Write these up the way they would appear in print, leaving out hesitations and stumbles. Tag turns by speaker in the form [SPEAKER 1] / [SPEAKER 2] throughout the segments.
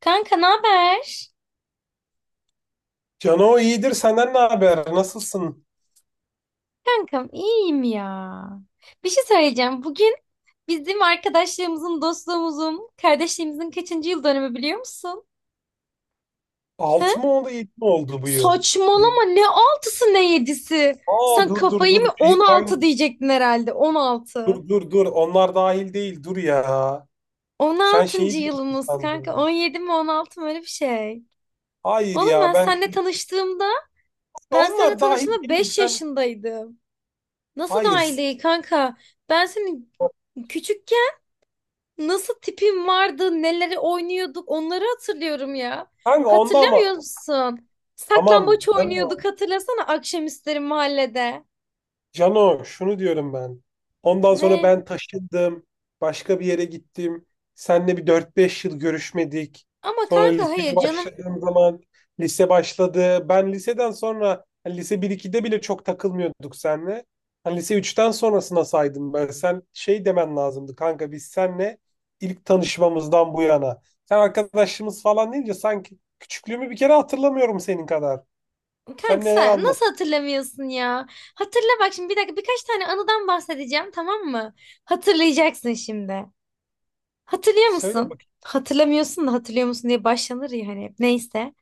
[SPEAKER 1] Kanka ne haber?
[SPEAKER 2] Cano iyidir. Senden ne haber? Nasılsın?
[SPEAKER 1] Kankam iyiyim ya. Bir şey söyleyeceğim. Bugün bizim arkadaşlığımızın, dostluğumuzun, kardeşliğimizin kaçıncı yıl dönümü biliyor musun? He?
[SPEAKER 2] 6 mı oldu, 7 mi oldu bu yıl? Yedi-
[SPEAKER 1] Saçmalama, ne altısı ne yedisi.
[SPEAKER 2] Aa,
[SPEAKER 1] Sen
[SPEAKER 2] dur dur
[SPEAKER 1] kafayı
[SPEAKER 2] dur.
[SPEAKER 1] mı,
[SPEAKER 2] Şey
[SPEAKER 1] 16
[SPEAKER 2] kayın.
[SPEAKER 1] diyecektin herhalde,
[SPEAKER 2] Dur
[SPEAKER 1] 16.
[SPEAKER 2] dur dur. Onlar dahil değil. Dur ya. Sen
[SPEAKER 1] 16.
[SPEAKER 2] şeyi diyorsun
[SPEAKER 1] yılımız kanka,
[SPEAKER 2] sandım.
[SPEAKER 1] 17 mi 16 mı öyle bir şey.
[SPEAKER 2] Hayır
[SPEAKER 1] Oğlum
[SPEAKER 2] ya
[SPEAKER 1] ben
[SPEAKER 2] ben
[SPEAKER 1] seninle tanıştığımda ben seninle
[SPEAKER 2] onlar dahil
[SPEAKER 1] tanıştığımda
[SPEAKER 2] değil.
[SPEAKER 1] 5
[SPEAKER 2] Sen
[SPEAKER 1] yaşındaydım. Nasıl daha iyi
[SPEAKER 2] hayır.
[SPEAKER 1] değil kanka? Ben senin küçükken nasıl tipim vardı, neleri oynuyorduk, onları hatırlıyorum ya.
[SPEAKER 2] Kanka onda
[SPEAKER 1] Hatırlamıyor
[SPEAKER 2] ama
[SPEAKER 1] musun?
[SPEAKER 2] tamam.
[SPEAKER 1] Saklambaç oynuyorduk,
[SPEAKER 2] Cano.
[SPEAKER 1] hatırlasana, akşamüstleri mahallede.
[SPEAKER 2] Cano şunu diyorum ben. Ondan sonra
[SPEAKER 1] Ne?
[SPEAKER 2] ben taşındım. Başka bir yere gittim. Seninle bir dört beş yıl görüşmedik.
[SPEAKER 1] Ama
[SPEAKER 2] Sonra
[SPEAKER 1] kanka, hayır
[SPEAKER 2] liseye
[SPEAKER 1] canım.
[SPEAKER 2] başladığım zaman lise başladı. Ben liseden sonra hani lise 1-2'de bile çok takılmıyorduk seninle. Hani lise üç'ten sonrasına saydım ben. Sen şey demen lazımdı kanka biz seninle ilk tanışmamızdan bu yana. Sen arkadaşımız falan deyince sanki küçüklüğümü bir kere hatırlamıyorum senin kadar. Sen
[SPEAKER 1] Kanka
[SPEAKER 2] neler
[SPEAKER 1] sen
[SPEAKER 2] anlat?
[SPEAKER 1] nasıl hatırlamıyorsun ya? Hatırla bak şimdi, bir dakika, birkaç tane anıdan bahsedeceğim, tamam mı? Hatırlayacaksın şimdi. Hatırlıyor
[SPEAKER 2] Söyle
[SPEAKER 1] musun?
[SPEAKER 2] bakayım
[SPEAKER 1] Hatırlamıyorsun da hatırlıyor musun diye başlanır ya hani, hep. Neyse.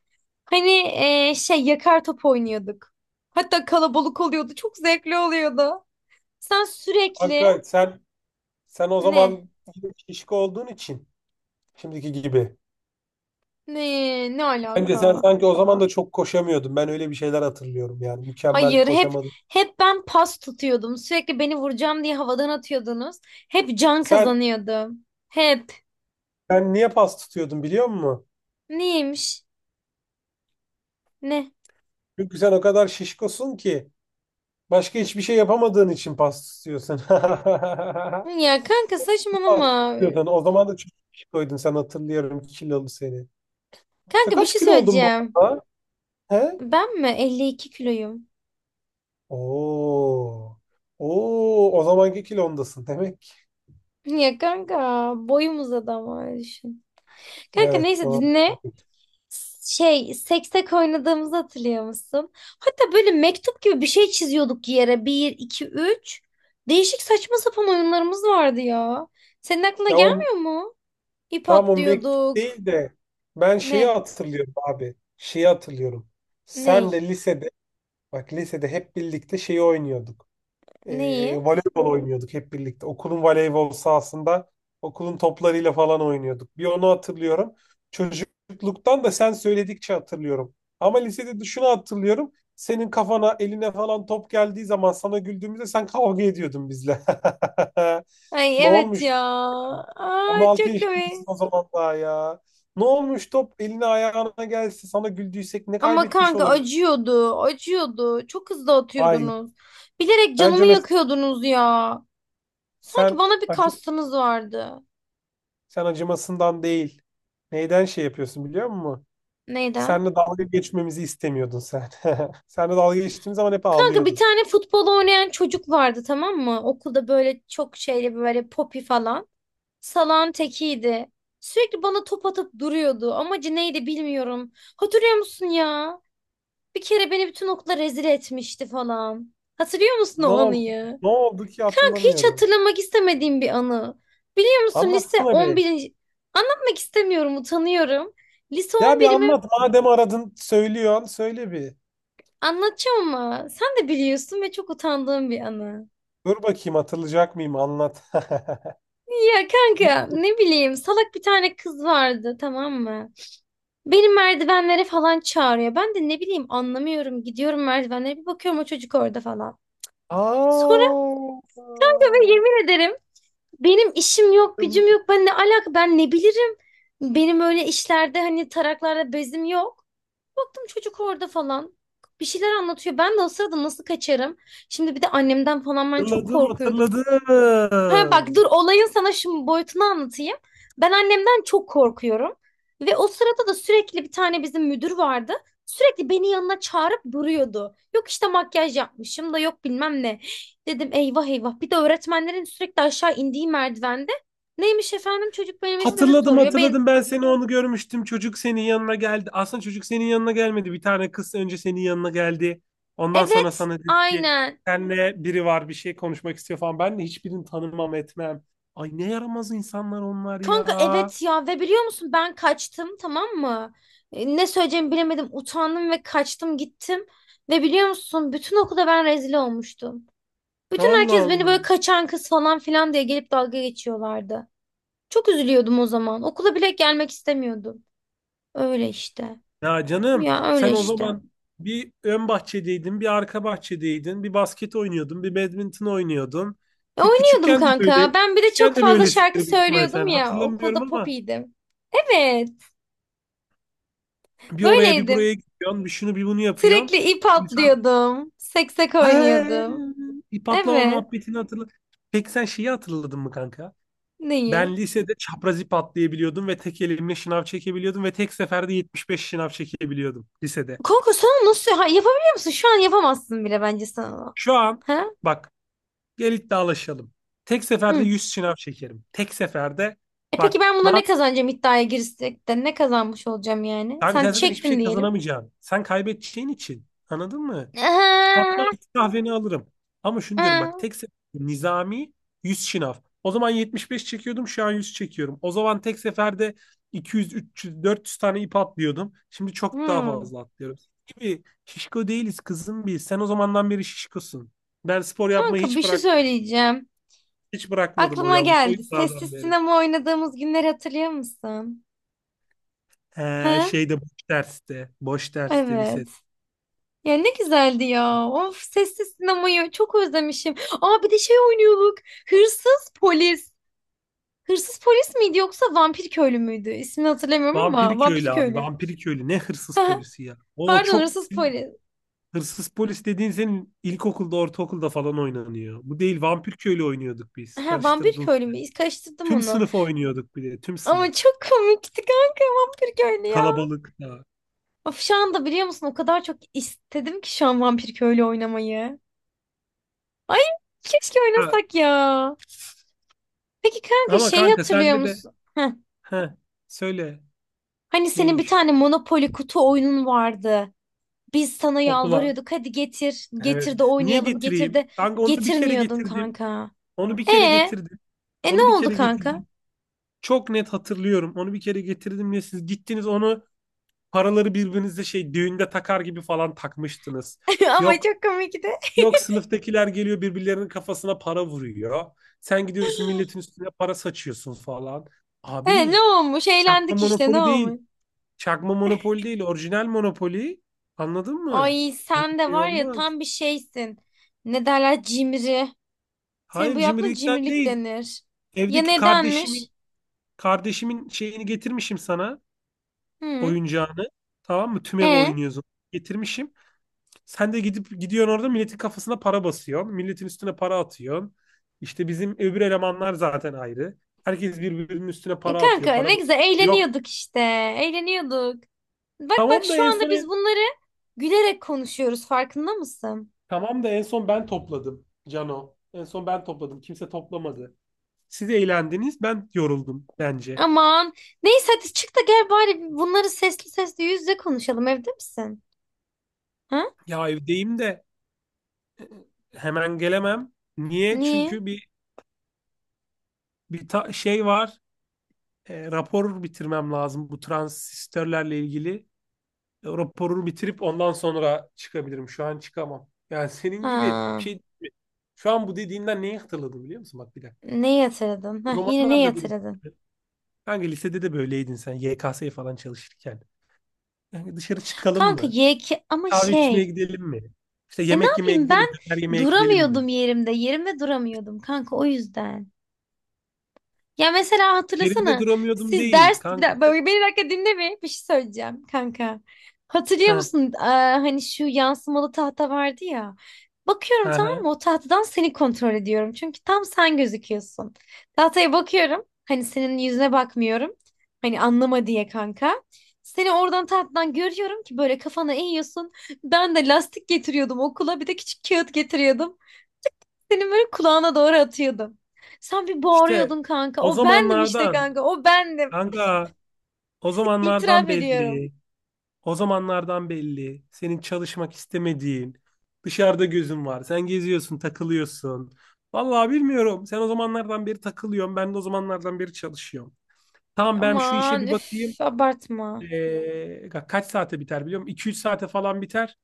[SPEAKER 1] Hani şey, yakar top oynuyorduk. Hatta kalabalık oluyordu. Çok zevkli oluyordu. Sen sürekli
[SPEAKER 2] kanka sen o
[SPEAKER 1] ne?
[SPEAKER 2] zaman şişko olduğun için şimdiki gibi.
[SPEAKER 1] Ne? Ne
[SPEAKER 2] Bence sen
[SPEAKER 1] alaka?
[SPEAKER 2] sanki o zaman da çok koşamıyordun. Ben öyle bir şeyler hatırlıyorum yani. Mükemmel
[SPEAKER 1] Hayır, hep
[SPEAKER 2] koşamadın.
[SPEAKER 1] hep ben pas tutuyordum. Sürekli beni vuracağım diye havadan atıyordunuz. Hep can
[SPEAKER 2] Sen
[SPEAKER 1] kazanıyordum. Hep.
[SPEAKER 2] sen niye pas tutuyordun biliyor musun?
[SPEAKER 1] Neymiş? Ne?
[SPEAKER 2] Çünkü sen o kadar şişkosun ki başka hiçbir şey yapamadığın için pas tutuyorsun.
[SPEAKER 1] Ya kanka
[SPEAKER 2] Pas
[SPEAKER 1] saçmalama.
[SPEAKER 2] tutuyordun. O zaman da çok şişkoydun. Sen hatırlıyorum kilolu seni. Sen
[SPEAKER 1] Kanka bir
[SPEAKER 2] kaç
[SPEAKER 1] şey
[SPEAKER 2] kilo oldun bu
[SPEAKER 1] söyleyeceğim.
[SPEAKER 2] arada? He?
[SPEAKER 1] Ben mi 52 kiloyum?
[SPEAKER 2] Oo. Oo, o zamanki kilondasın demek.
[SPEAKER 1] Ya kanka, boyum uzadı ama öyle düşün. Kanka
[SPEAKER 2] Evet
[SPEAKER 1] neyse
[SPEAKER 2] doğru.
[SPEAKER 1] dinle. Şey, seksek oynadığımızı hatırlıyor musun? Hatta böyle mektup gibi bir şey çiziyorduk yere. Bir, iki, üç. Değişik saçma sapan oyunlarımız vardı ya. Senin aklına
[SPEAKER 2] Ya o
[SPEAKER 1] gelmiyor mu? İp
[SPEAKER 2] Tam o mektup
[SPEAKER 1] atlıyorduk.
[SPEAKER 2] değil de ben şeyi
[SPEAKER 1] Ne?
[SPEAKER 2] hatırlıyorum abi. Şeyi hatırlıyorum.
[SPEAKER 1] Ney?
[SPEAKER 2] Sen de lisede, bak, lisede hep birlikte şeyi oynuyorduk.
[SPEAKER 1] Neyi?
[SPEAKER 2] Voleybol oynuyorduk hep birlikte. Okulun voleybol sahasında okulun toplarıyla falan oynuyorduk. Bir onu hatırlıyorum. Çocukluktan da sen söyledikçe hatırlıyorum. Ama lisede de şunu hatırlıyorum. Senin kafana eline falan top geldiği zaman sana güldüğümüzde sen kavga ediyordun bizle.
[SPEAKER 1] Ay
[SPEAKER 2] Ne
[SPEAKER 1] evet
[SPEAKER 2] olmuş?
[SPEAKER 1] ya. Aa,
[SPEAKER 2] 16
[SPEAKER 1] çok
[SPEAKER 2] yaşındasın
[SPEAKER 1] komik.
[SPEAKER 2] o zaman daha ya. Ne olmuş top eline ayağına gelse sana güldüysek ne
[SPEAKER 1] Ama
[SPEAKER 2] kaybetmiş
[SPEAKER 1] kanka
[SPEAKER 2] olabilir?
[SPEAKER 1] acıyordu, acıyordu. Çok hızlı
[SPEAKER 2] Hayır.
[SPEAKER 1] atıyordunuz. Bilerek canımı
[SPEAKER 2] Bence mesela
[SPEAKER 1] yakıyordunuz ya. Sanki
[SPEAKER 2] sen
[SPEAKER 1] bana bir
[SPEAKER 2] acı,
[SPEAKER 1] kastınız vardı.
[SPEAKER 2] sen acımasından değil. Neyden şey yapıyorsun biliyor musun?
[SPEAKER 1] Neyden?
[SPEAKER 2] Seninle dalga geçmemizi istemiyordun sen. Seninle dalga geçtiğim zaman hep
[SPEAKER 1] Kanka bir
[SPEAKER 2] ağlıyordun.
[SPEAKER 1] tane futbol oynayan çocuk vardı, tamam mı? Okulda böyle, çok şeyli böyle, popi falan. Salan tekiydi. Sürekli bana top atıp duruyordu. Amacı neydi bilmiyorum. Hatırlıyor musun ya? Bir kere beni bütün okula rezil etmişti falan. Hatırlıyor musun
[SPEAKER 2] Ne
[SPEAKER 1] o
[SPEAKER 2] oldu?
[SPEAKER 1] anıyı?
[SPEAKER 2] Ne oldu ki
[SPEAKER 1] Kanka hiç
[SPEAKER 2] hatırlamıyorum.
[SPEAKER 1] hatırlamak istemediğim bir anı. Biliyor musun lise
[SPEAKER 2] Anlatsana
[SPEAKER 1] on
[SPEAKER 2] be.
[SPEAKER 1] birinci? Anlatmak istemiyorum, utanıyorum. Lise
[SPEAKER 2] Ya
[SPEAKER 1] on
[SPEAKER 2] bir
[SPEAKER 1] birimi
[SPEAKER 2] anlat. Madem aradın söylüyorsun söyle bir.
[SPEAKER 1] anlatacağım ama sen de biliyorsun ve çok utandığım bir anı.
[SPEAKER 2] Dur bakayım hatırlayacak mıyım anlat.
[SPEAKER 1] Ya
[SPEAKER 2] Ne?
[SPEAKER 1] kanka ne bileyim, salak bir tane kız vardı, tamam mı? Beni merdivenlere falan çağırıyor. Ben de ne bileyim, anlamıyorum. Gidiyorum merdivenlere, bir bakıyorum o çocuk orada falan. Sonra
[SPEAKER 2] Aa,
[SPEAKER 1] kanka, ve yemin ederim, benim işim yok gücüm yok. Ben ne alaka, ben ne bilirim. Benim öyle işlerde hani taraklarda bezim yok. Baktım çocuk orada falan. Bir şeyler anlatıyor. Ben de o sırada nasıl kaçarım? Şimdi bir de annemden falan ben çok
[SPEAKER 2] hatırladım,
[SPEAKER 1] korkuyordum. Ha bak
[SPEAKER 2] hatırladım.
[SPEAKER 1] dur, olayın sana şimdi boyutunu anlatayım. Ben annemden çok korkuyorum. Ve o sırada da sürekli bir tane bizim müdür vardı. Sürekli beni yanına çağırıp duruyordu. Yok işte makyaj yapmışım da yok bilmem ne. Dedim eyvah eyvah. Bir de öğretmenlerin sürekli aşağı indiği merdivende. Neymiş efendim, çocuk benim ismimi
[SPEAKER 2] Hatırladım,
[SPEAKER 1] soruyor. Ben
[SPEAKER 2] hatırladım. Ben seni onu görmüştüm. Çocuk senin yanına geldi. Aslında çocuk senin yanına gelmedi. Bir tane kız önce senin yanına geldi. Ondan sonra
[SPEAKER 1] evet
[SPEAKER 2] sana dedi ki
[SPEAKER 1] aynen.
[SPEAKER 2] senle biri var bir şey konuşmak istiyor falan. Ben de hiçbirini tanımam etmem. Ay ne yaramaz insanlar onlar
[SPEAKER 1] Kanka
[SPEAKER 2] ya.
[SPEAKER 1] evet ya, ve biliyor musun ben kaçtım, tamam mı? Ne söyleyeceğimi bilemedim, utandım ve kaçtım gittim. Ve biliyor musun bütün okulda ben rezil olmuştum. Bütün
[SPEAKER 2] Allah
[SPEAKER 1] herkes beni
[SPEAKER 2] Allah.
[SPEAKER 1] böyle kaçan kız falan filan diye gelip dalga geçiyorlardı. Çok üzülüyordum o zaman. Okula bile gelmek istemiyordum. Öyle işte.
[SPEAKER 2] Ya canım
[SPEAKER 1] Ya öyle
[SPEAKER 2] sen o
[SPEAKER 1] işte.
[SPEAKER 2] zaman bir ön bahçedeydin, bir arka bahçedeydin, bir basket oynuyordun, bir badminton oynuyordun.
[SPEAKER 1] E,
[SPEAKER 2] Ta
[SPEAKER 1] oynuyordum
[SPEAKER 2] küçükken de böyle,
[SPEAKER 1] kanka. Ben bir de çok
[SPEAKER 2] küçükken de
[SPEAKER 1] fazla şarkı
[SPEAKER 2] böylesidir büyük ihtimal
[SPEAKER 1] söylüyordum
[SPEAKER 2] sen.
[SPEAKER 1] ya.
[SPEAKER 2] Hatırlamıyorum
[SPEAKER 1] Okulda
[SPEAKER 2] ama
[SPEAKER 1] popiydim. Evet,
[SPEAKER 2] bir oraya bir
[SPEAKER 1] böyleydim.
[SPEAKER 2] buraya gidiyorsun, bir şunu bir bunu yapıyorsun.
[SPEAKER 1] Sürekli ip
[SPEAKER 2] İnsan
[SPEAKER 1] atlıyordum. Seksek
[SPEAKER 2] Hey,
[SPEAKER 1] oynuyordum.
[SPEAKER 2] ip atlama
[SPEAKER 1] Evet.
[SPEAKER 2] muhabbetini hatırla. Peki sen şeyi hatırladın mı kanka?
[SPEAKER 1] Neyi?
[SPEAKER 2] Ben lisede çapraz ip atlayabiliyordum ve tek elimle şınav çekebiliyordum ve tek seferde 75 şınav çekebiliyordum lisede.
[SPEAKER 1] Kanka sen onu nasıl, ha, yapabiliyor musun? Şu an yapamazsın bile bence sen onu.
[SPEAKER 2] Şu an,
[SPEAKER 1] Ha?
[SPEAKER 2] bak, gel iddialaşalım. Tek seferde
[SPEAKER 1] Hı.
[SPEAKER 2] 100 şınav çekerim. Tek seferde
[SPEAKER 1] E peki
[SPEAKER 2] bak
[SPEAKER 1] ben buna ne
[SPEAKER 2] Naz,
[SPEAKER 1] kazanacağım, iddiaya girsek de ne kazanmış olacağım yani?
[SPEAKER 2] kanka
[SPEAKER 1] Sen
[SPEAKER 2] sen zaten hiçbir
[SPEAKER 1] çektin
[SPEAKER 2] şey
[SPEAKER 1] diyelim.
[SPEAKER 2] kazanamayacaksın. Sen kaybedeceğin için. Anladın mı? Tatlı artık kahveni alırım. Ama şunu diyorum bak tek seferde nizami 100 şınav. O zaman 75 çekiyordum şu an 100 çekiyorum. O zaman tek seferde 200, 300, 400 tane ip atlıyordum. Şimdi çok daha
[SPEAKER 1] Hı.
[SPEAKER 2] fazla atlıyorum. Gibi şişko değiliz kızım biz. Sen o zamandan beri şişkosun. Ben spor yapmayı
[SPEAKER 1] Kanka bir şey söyleyeceğim.
[SPEAKER 2] hiç bırakmadım
[SPEAKER 1] Aklıma
[SPEAKER 2] o
[SPEAKER 1] geldi. Sessiz
[SPEAKER 2] yıllardan beri.
[SPEAKER 1] sinema oynadığımız günleri hatırlıyor musun?
[SPEAKER 2] He,
[SPEAKER 1] Ha?
[SPEAKER 2] şeyde boş derste. Boş derste
[SPEAKER 1] Evet.
[SPEAKER 2] lisede.
[SPEAKER 1] Ya ne güzeldi ya. Of, sessiz sinemayı çok özlemişim. Aa, bir de şey oynuyorduk. Hırsız polis. Hırsız polis miydi yoksa vampir köylü müydü? İsmini hatırlamıyorum
[SPEAKER 2] Vampiri
[SPEAKER 1] ama vampir
[SPEAKER 2] köylü abi.
[SPEAKER 1] köylü.
[SPEAKER 2] Vampiri köylü. Ne hırsız polisi ya. O
[SPEAKER 1] Pardon,
[SPEAKER 2] çok
[SPEAKER 1] hırsız polis.
[SPEAKER 2] Hırsız polis dediğin senin ilkokulda, ortaokulda falan oynanıyor. Bu değil vampir köylü oynuyorduk biz.
[SPEAKER 1] Ha, vampir
[SPEAKER 2] Karıştırdın.
[SPEAKER 1] köylü mü? Karıştırdım
[SPEAKER 2] Tüm
[SPEAKER 1] onu.
[SPEAKER 2] sınıf oynuyorduk bir de. Tüm
[SPEAKER 1] Ama
[SPEAKER 2] sınıf.
[SPEAKER 1] çok komikti kanka, vampir köylü ya.
[SPEAKER 2] Kalabalık da.
[SPEAKER 1] Of, şu anda biliyor musun o kadar çok istedim ki şu an vampir köylü oynamayı. Ay keşke
[SPEAKER 2] Ha,
[SPEAKER 1] oynasak ya. Peki kanka
[SPEAKER 2] ama
[SPEAKER 1] şeyi
[SPEAKER 2] kanka
[SPEAKER 1] hatırlıyor
[SPEAKER 2] sende de.
[SPEAKER 1] musun?
[SPEAKER 2] Heh, söyle
[SPEAKER 1] Hani senin bir
[SPEAKER 2] neymiş
[SPEAKER 1] tane Monopoly kutu oyunun vardı. Biz sana
[SPEAKER 2] okula.
[SPEAKER 1] yalvarıyorduk, hadi getir. Getir
[SPEAKER 2] Evet.
[SPEAKER 1] de
[SPEAKER 2] Niye
[SPEAKER 1] oynayalım, getir
[SPEAKER 2] getireyim?
[SPEAKER 1] de
[SPEAKER 2] Kanka onu bir kere
[SPEAKER 1] getirmiyordun
[SPEAKER 2] getirdim.
[SPEAKER 1] kanka.
[SPEAKER 2] Onu bir
[SPEAKER 1] E
[SPEAKER 2] kere getirdim.
[SPEAKER 1] E ne
[SPEAKER 2] Onu bir
[SPEAKER 1] oldu
[SPEAKER 2] kere
[SPEAKER 1] kanka?
[SPEAKER 2] getirdim. Çok net hatırlıyorum. Onu bir kere getirdim ya siz gittiniz onu paraları birbirinize şey düğünde takar gibi falan takmıştınız.
[SPEAKER 1] Ama
[SPEAKER 2] Yok,
[SPEAKER 1] çok komikti.
[SPEAKER 2] yok, sınıftakiler geliyor birbirlerinin kafasına para vuruyor. Sen gidiyorsun milletin üstüne para saçıyorsun falan.
[SPEAKER 1] E ne
[SPEAKER 2] Abi
[SPEAKER 1] olmuş?
[SPEAKER 2] çakma
[SPEAKER 1] Eğlendik işte, ne
[SPEAKER 2] monopoli
[SPEAKER 1] olmuş?
[SPEAKER 2] değil. Çakma monopoli değil. Orijinal monopoli. Anladın mı?
[SPEAKER 1] Ay
[SPEAKER 2] Böyle
[SPEAKER 1] sen
[SPEAKER 2] bir
[SPEAKER 1] de
[SPEAKER 2] şey
[SPEAKER 1] var ya,
[SPEAKER 2] olmaz.
[SPEAKER 1] tam bir şeysin. Ne derler, cimri. Senin bu
[SPEAKER 2] Hayır
[SPEAKER 1] yaptığın
[SPEAKER 2] cimrilikten
[SPEAKER 1] cimrilik
[SPEAKER 2] değil.
[SPEAKER 1] denir. Ya
[SPEAKER 2] Evdeki kardeşimin
[SPEAKER 1] nedenmiş?
[SPEAKER 2] kardeşimin şeyini getirmişim sana.
[SPEAKER 1] Hı.
[SPEAKER 2] Oyuncağını, tamam mı? Tüm ev
[SPEAKER 1] E?
[SPEAKER 2] oynuyorsun. Getirmişim. Sen de gidiyorsun orada milletin kafasına para basıyorsun. Milletin üstüne para atıyorsun. İşte bizim öbür elemanlar zaten ayrı. Herkes birbirinin üstüne
[SPEAKER 1] E
[SPEAKER 2] para atıyor,
[SPEAKER 1] kanka
[SPEAKER 2] para
[SPEAKER 1] ne
[SPEAKER 2] basıyor.
[SPEAKER 1] güzel
[SPEAKER 2] Yok.
[SPEAKER 1] eğleniyorduk işte. Eğleniyorduk. Bak bak,
[SPEAKER 2] Tamam da
[SPEAKER 1] şu
[SPEAKER 2] en
[SPEAKER 1] anda
[SPEAKER 2] son
[SPEAKER 1] biz bunları gülerek konuşuyoruz, farkında mısın?
[SPEAKER 2] tamam da en son ben topladım, Cano. En son ben topladım. Kimse toplamadı. Siz eğlendiniz, ben yoruldum bence.
[SPEAKER 1] Aman. Neyse hadi çık da gel bari, bunları sesli sesli yüz yüze konuşalım. Evde misin? Ha?
[SPEAKER 2] Ya evdeyim de hemen gelemem. Niye?
[SPEAKER 1] Niye?
[SPEAKER 2] Çünkü bir şey var. Rapor bitirmem lazım bu transistörlerle ilgili. Raporu bitirip ondan sonra çıkabilirim. Şu an çıkamam. Yani senin gibi bir
[SPEAKER 1] Ha.
[SPEAKER 2] şey değil mi? Şu an bu dediğinden neyi hatırladım biliyor musun? Bak, bir dakika.
[SPEAKER 1] Ne yatırdın?
[SPEAKER 2] O
[SPEAKER 1] Hah, yine ne
[SPEAKER 2] zamanlar da böyle
[SPEAKER 1] yatırdın?
[SPEAKER 2] Kanka lisede de böyleydin sen YKS'ye falan çalışırken. Yani dışarı çıkalım
[SPEAKER 1] Kanka
[SPEAKER 2] mı?
[SPEAKER 1] yeki ama
[SPEAKER 2] Kahve içmeye
[SPEAKER 1] şey.
[SPEAKER 2] gidelim mi? İşte
[SPEAKER 1] E ne
[SPEAKER 2] yemek yemeye
[SPEAKER 1] yapayım,
[SPEAKER 2] gidelim
[SPEAKER 1] ben
[SPEAKER 2] mi? Döner yemeye gidelim mi?
[SPEAKER 1] duramıyordum yerimde. Yerimde duramıyordum kanka, o yüzden. Ya mesela
[SPEAKER 2] Yerimde
[SPEAKER 1] hatırlasana,
[SPEAKER 2] duramıyordum
[SPEAKER 1] siz
[SPEAKER 2] değil
[SPEAKER 1] ders, bir
[SPEAKER 2] kanka.
[SPEAKER 1] dakika, beni bir dakika dinle, bir şey söyleyeceğim kanka. Hatırlıyor
[SPEAKER 2] Ha,
[SPEAKER 1] musun? Aa, hani şu yansımalı tahta vardı ya. Bakıyorum,
[SPEAKER 2] ha,
[SPEAKER 1] tamam
[SPEAKER 2] ha.
[SPEAKER 1] mı, o tahtadan seni kontrol ediyorum. Çünkü tam sen gözüküyorsun. Tahtaya bakıyorum, hani senin yüzüne bakmıyorum. Hani anlama diye kanka. Seni oradan tahtadan görüyorum ki böyle kafana eğiyorsun. Ben de lastik getiriyordum okula, bir de küçük kağıt getiriyordum. Senin böyle kulağına doğru atıyordum. Sen bir
[SPEAKER 2] İşte
[SPEAKER 1] bağırıyordun kanka.
[SPEAKER 2] o
[SPEAKER 1] O bendim işte
[SPEAKER 2] zamanlardan,
[SPEAKER 1] kanka. O bendim.
[SPEAKER 2] kanka. O zamanlardan
[SPEAKER 1] İtiraf ediyorum.
[SPEAKER 2] belli. O zamanlardan belli. Senin çalışmak istemediğin, dışarıda gözün var. Sen geziyorsun, takılıyorsun. Vallahi bilmiyorum. Sen o zamanlardan beri takılıyorsun. Ben de o zamanlardan beri çalışıyorum. Tamam ben şu işe
[SPEAKER 1] Aman
[SPEAKER 2] bir
[SPEAKER 1] üf,
[SPEAKER 2] bakayım.
[SPEAKER 1] abartma.
[SPEAKER 2] Ee, Kaç saate biter biliyor musun? 2-3 saate falan biter.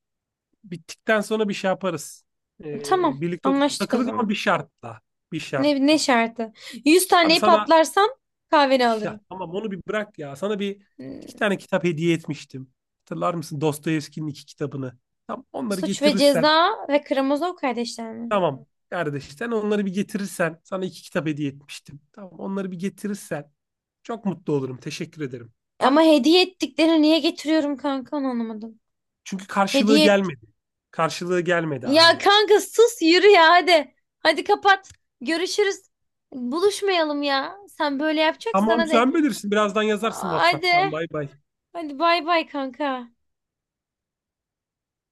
[SPEAKER 2] Bittikten sonra bir şey yaparız.
[SPEAKER 1] Tamam
[SPEAKER 2] Birlikte oturup
[SPEAKER 1] anlaştık o
[SPEAKER 2] takılırız ama bir
[SPEAKER 1] zaman.
[SPEAKER 2] şartla. Bir
[SPEAKER 1] Ne
[SPEAKER 2] şartla.
[SPEAKER 1] şartı? 100
[SPEAKER 2] Abi
[SPEAKER 1] taneyi
[SPEAKER 2] sana
[SPEAKER 1] patlarsam kahveni
[SPEAKER 2] Ya,
[SPEAKER 1] alırım.
[SPEAKER 2] tamam, onu bir bırak ya. Sana bir iki
[SPEAKER 1] Hmm,
[SPEAKER 2] tane kitap hediye etmiştim. Hatırlar mısın Dostoyevski'nin iki kitabını? Tam onları
[SPEAKER 1] Suç ve
[SPEAKER 2] getirirsen
[SPEAKER 1] Ceza ve Karamazov kardeşler mi?
[SPEAKER 2] tamam kardeş sen onları bir getirirsen sana iki kitap hediye etmiştim. Tamam onları bir getirirsen çok mutlu olurum. Teşekkür ederim. Tamam.
[SPEAKER 1] Ama hediye ettiklerini niye getiriyorum kanka, onu anlamadım.
[SPEAKER 2] Çünkü karşılığı
[SPEAKER 1] Hediye et.
[SPEAKER 2] gelmedi. Karşılığı gelmedi
[SPEAKER 1] Ya
[SPEAKER 2] hala.
[SPEAKER 1] kanka, sus yürü ya, hadi. Hadi kapat. Görüşürüz. Buluşmayalım ya. Sen böyle yapacaksan,
[SPEAKER 2] Tamam
[SPEAKER 1] hadi.
[SPEAKER 2] sen bilirsin. Birazdan yazarsın
[SPEAKER 1] Hadi.
[SPEAKER 2] WhatsApp'tan. Bay bay.
[SPEAKER 1] Hadi bay bay kanka.